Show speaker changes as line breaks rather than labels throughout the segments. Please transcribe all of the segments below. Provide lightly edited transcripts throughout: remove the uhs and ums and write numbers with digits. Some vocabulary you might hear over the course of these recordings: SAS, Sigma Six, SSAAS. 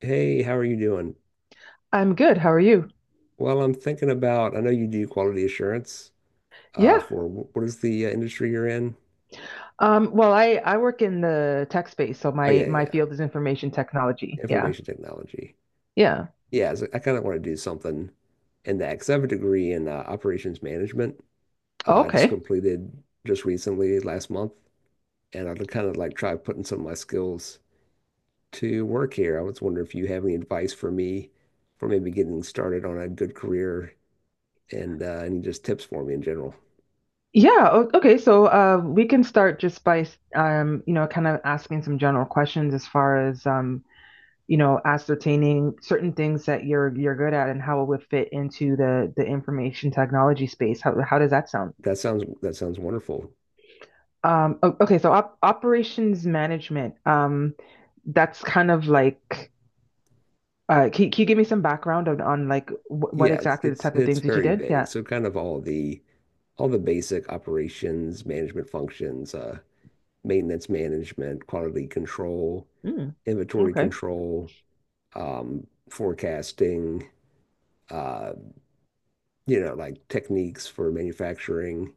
Hey, how are you doing?
I'm good. How are you?
Well, I'm thinking about, I know you do quality assurance
Yeah.
for what is the industry you're in?
Well, I work in the tech space, so
Oh, yeah,
my
yeah,
field is information
yeah.
technology. Yeah.
Information technology.
Yeah.
Yeah, so I kind of want to do something in that because I have a degree in operations management.
Oh,
I just
okay.
completed just recently last month, and I'd kind of like try putting some of my skills to work here. I was wondering if you have any advice for me for maybe getting started on a good career and any just tips for me in general.
Okay. So we can start just by kind of asking some general questions as far as ascertaining certain things that you're good at and how it would fit into the information technology space. How does that sound?
That sounds wonderful.
Okay. So op operations management. That's kind of like. Can you give me some background on like wh what
Yeah, it's
exactly the
it's
type of
it's
things that you
very
did? Yeah.
vague. So kind of all the basic operations, management functions, maintenance management, quality control,
Mm,
inventory
okay.
control, forecasting, uh, you know, like techniques for manufacturing,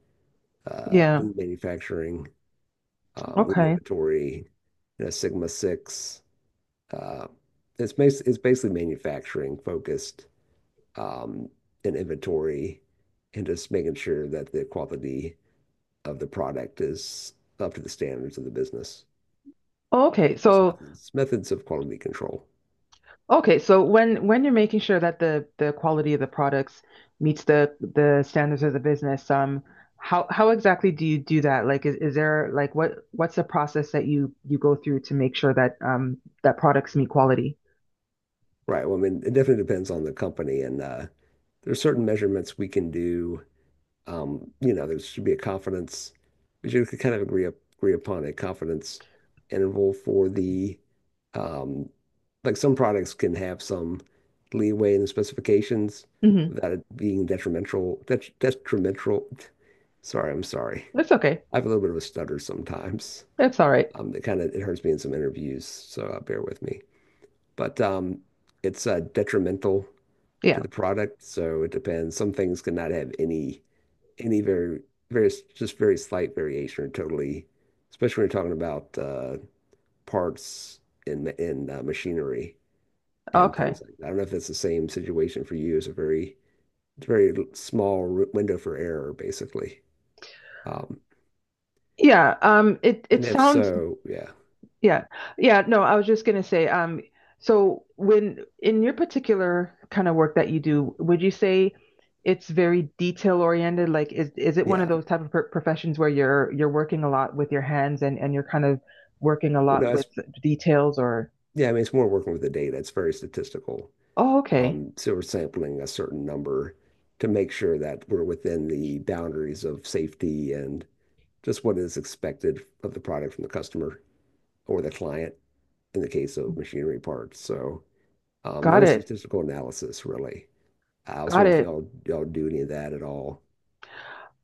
Yeah.
lean manufacturing, lean
Okay.
inventory, you know, Sigma Six. Uh, it's basically manufacturing focused, um, and inventory and just making sure that the quality of the product is up to the standards of the business.
Oh, okay.
Just
So,
methods of quality control.
okay, so when you're making sure that the quality of the products meets the standards of the business, how exactly do you do that? Like, is there like what what's the process that you go through to make sure that that products meet quality?
Right. Well, I mean, it definitely depends on the company, and there are certain measurements we can do. You know, there should be a confidence. We should kind of agree upon a confidence interval for the um, like some products can have some leeway in the specifications
Hmm.
without it being detrimental. Detrimental. Sorry, I'm sorry.
That's okay.
I have a little bit of a stutter sometimes.
That's all right.
It kind of it hurts me in some interviews, so bear with me. But it's detrimental to
Yeah.
the product, so it depends. Some things could not have any very just very slight variation or totally, especially when you're talking about parts in machinery and
Okay.
things like that. I don't know if that's the same situation for you. It's a very small window for error, basically. Um,
Yeah, it
and
it
if
sounds
so, yeah,
yeah. Yeah, no, I was just gonna say, so when in your particular kind of work that you do, would you say it's very detail oriented? Like is it one
yeah.
of those type of professions where you're working a lot with your hands and you're kind of working a
Well,
lot
no, it's
with details or.
yeah. I mean, it's more working with the data. It's very statistical.
Oh, okay.
So we're sampling a certain number to make sure that we're within the boundaries of safety and just what is expected of the product from the customer or the client in the case of machinery parts. So not a lot
Got
of
it.
statistical analysis, really. I was
Got
wondering if
it.
y'all do any of that at all.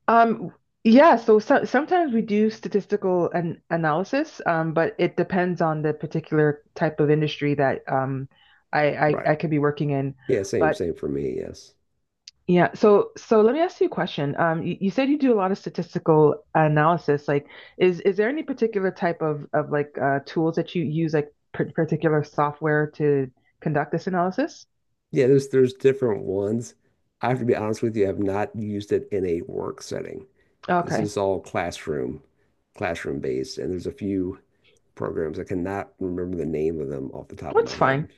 Um, yeah, so, so sometimes we do statistical an analysis, but it depends on the particular type of industry that
Right.
I could be working in.
Yeah,
But
same for me, yes.
yeah, so so let me ask you a question. You said you do a lot of statistical analysis. Like, is there any particular type of like tools that you use, like particular software to conduct this analysis?
Yeah, there's different ones. I have to be honest with you, I have not used it in a work setting. This
Okay,
is all classroom-based, and there's a few programs. I cannot remember the name of them off the top of
that's
my
fine.
head.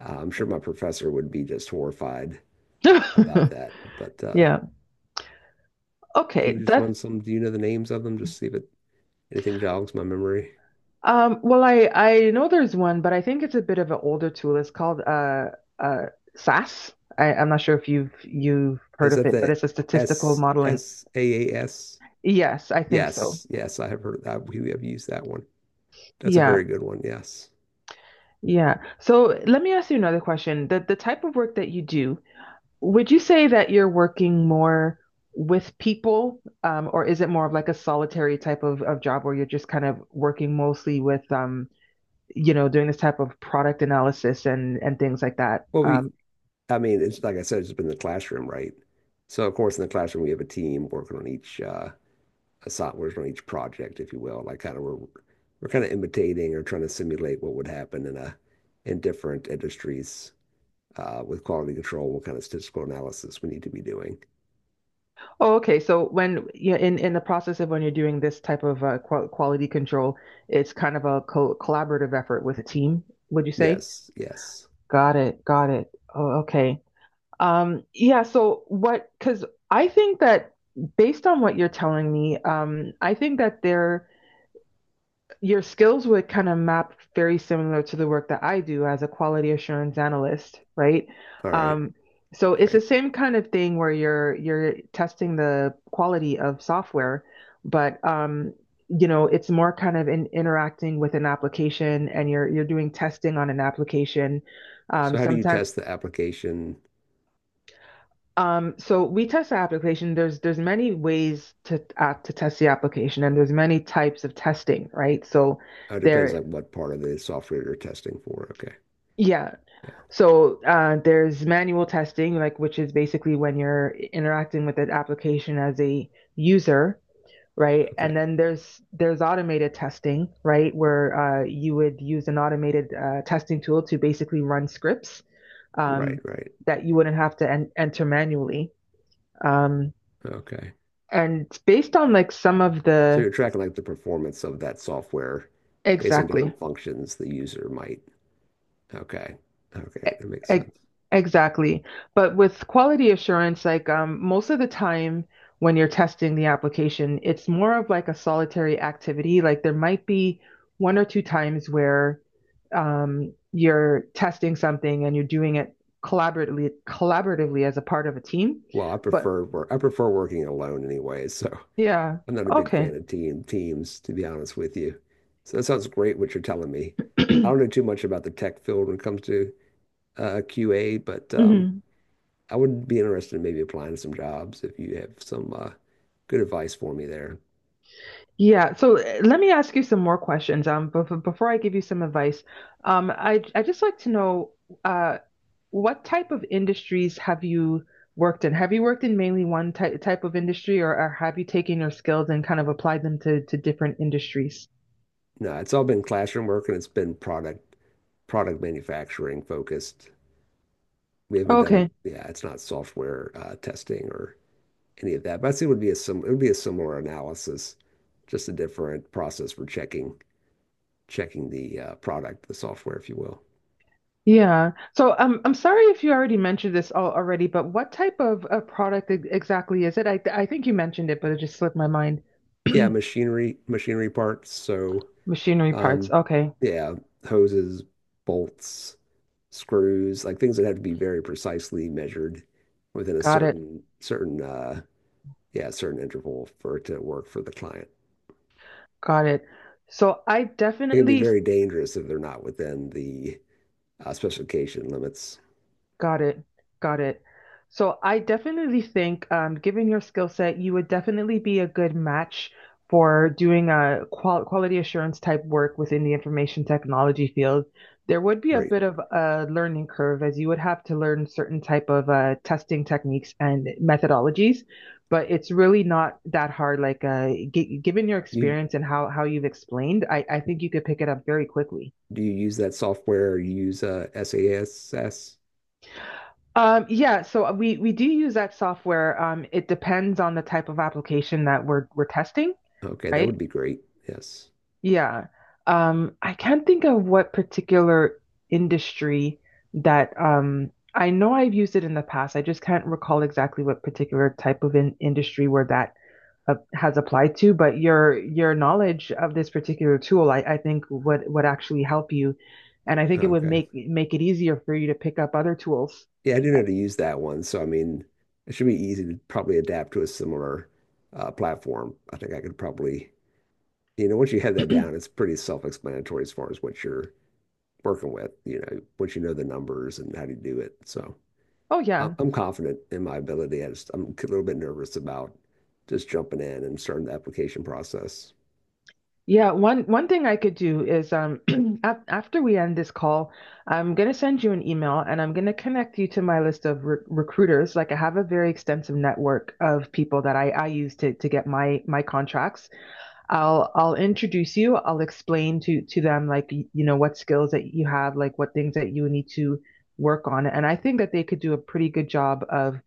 I'm sure my professor would be just horrified about that. But
Yeah.
can
Okay,
you just
that.
run some? Do you know the names of them? Just see if it, anything jogs my memory.
Well, I know there's one, but I think it's a bit of an older tool. It's called uh SAS. I'm not sure if you've heard
Is
of
that
it, but
the
it's a statistical
S
modeling.
S A A S?
Yes, I think so.
Yes, yes, I have heard that. We have used that one. That's a
Yeah,
very good one. Yes.
yeah. So let me ask you another question. The type of work that you do, would you say that you're working more with people, or is it more of like a solitary type of job where you're just kind of working mostly with doing this type of product analysis and things like that?
Well, we,
Um.
I mean, it's like I said, it's been the classroom, right? So of course, in the classroom, we have a team working on each softwares on each project, if you will. Like kind of we're kind of imitating or trying to simulate what would happen in a in different industries with quality control, what kind of statistical analysis we need to be doing.
Oh, okay. So when yeah, in the process of when you're doing this type of quality control, it's kind of a co collaborative effort with a team, would you say?
Yes. Yes.
Got it. Got it. Oh, okay. Yeah, so what, because I think that based on what you're telling me, I think that there your skills would kind of map very similar to the work that I do as a quality assurance analyst, right?
All right.
Um, so
All
it's the
right.
same kind of thing where you're testing the quality of software, but it's more kind of in interacting with an application and you're doing testing on an application.
So how do you
Sometimes
test the application?
so we test the application. There's many ways to test the application, and there's many types of testing, right? So
Oh, it depends
there,
on what part of the software you're testing for. Okay.
yeah.
Yeah.
So there's manual testing, like which is basically when you're interacting with an application as a user, right?
Okay.
And then there's automated testing, right, where you would use an automated testing tool to basically run scripts
Right.
um,
Right.
that you wouldn't have to enter manually. Um,
Okay.
and based on like some of
So
the
you're tracking like the performance of that software based on
exactly
different functions the user might. Okay. Okay. That makes
E- e-,
sense.
Exactly. But with quality assurance, like most of the time when you're testing the application, it's more of like a solitary activity. Like there might be one or two times where you're testing something and you're doing it collaboratively as a part of a team. But
I prefer working alone anyway, so
yeah,
I'm not a big fan
okay.
of teams, to be honest with you. So that sounds great what you're telling me. I don't know too much about the tech field when it comes to QA, but
Hmm.
I would be interested in maybe applying to some jobs if you have some good advice for me there.
Yeah, so let me ask you some more questions. But before I give you some advice, I just like to know, uh, what type of industries have you worked in? Have you worked in mainly one ty type of industry, or have you taken your skills and kind of applied them to different industries?
No, it's all been classroom work and it's been product manufacturing focused. We haven't done,
Okay.
yeah, it's not software testing or any of that. But I'd it would be a sim it would be a similar analysis, just a different process for checking the product, the software, if you will.
Yeah. So I'm sorry if you already mentioned this all already, but what type of product exactly is it? I think you mentioned it, but it just slipped my mind.
Yeah, machinery parts. So
Machinery parts.
um,
Okay.
yeah, hoses, bolts, screws, like things that have to be very precisely measured within a
Got it.
certain yeah certain interval for it to work for the client.
Got it. So I
It can be
definitely
very dangerous if they're not within the specification limits.
Got it. Got it. So I definitely think, given your skill set, you would definitely be a good match for doing a quality assurance type work within the information technology field. There would be a
Right.
bit of a learning curve as you would have to learn certain type of testing techniques and methodologies, but it's really not that hard. Like g given your
You
experience and how you've explained, I think you could pick it up very quickly.
Do you use that software? Or you use SASS?
Yeah, so we do use that software. It depends on the type of application that we're testing,
Okay, that
right?
would be great. Yes.
Yeah. I can't think of what particular industry that I know I've used it in the past. I just can't recall exactly what particular type of in industry where that has applied to. But your knowledge of this particular tool, I think would actually help you, and I think it would
Okay.
make make it easier for you to pick up other tools.
Yeah, I do know how to use that one. So, I mean, it should be easy to probably adapt to a similar platform. I think I could probably, you know, once you have that down, it's pretty self-explanatory as far as what you're working with, you know, once you know the numbers and how to do it. So,
Oh yeah.
I'm confident in my ability. I just, I'm a little bit nervous about just jumping in and starting the application process.
Yeah, one thing I could do is af after we end this call, I'm gonna send you an email and I'm gonna connect you to my list of re recruiters. Like I have a very extensive network of people that I use to get my contracts. I'll introduce you. I'll explain to them like you know what skills that you have, like what things that you need to work on, and I think that they could do a pretty good job of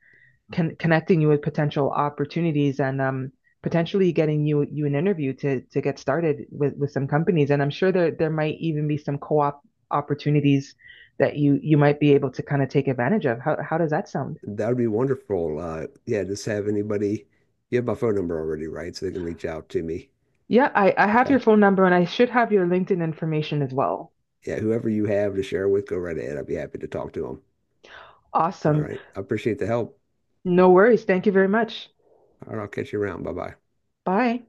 connecting you with potential opportunities and potentially getting you an interview to get started with some companies. And I'm sure there might even be some co-op opportunities that you might be able to kind of take advantage of. How does that sound?
That would be wonderful. Yeah, just have anybody. You have my phone number already, right? So they can reach out to me.
Yeah, I have
Okay.
your phone number and I should have your LinkedIn information as well.
Yeah, whoever you have to share with, go right ahead. I'd be happy to talk to them. All
Awesome.
right. I appreciate the help.
No worries. Thank you very much.
All right, I'll catch you around. Bye bye.
Bye.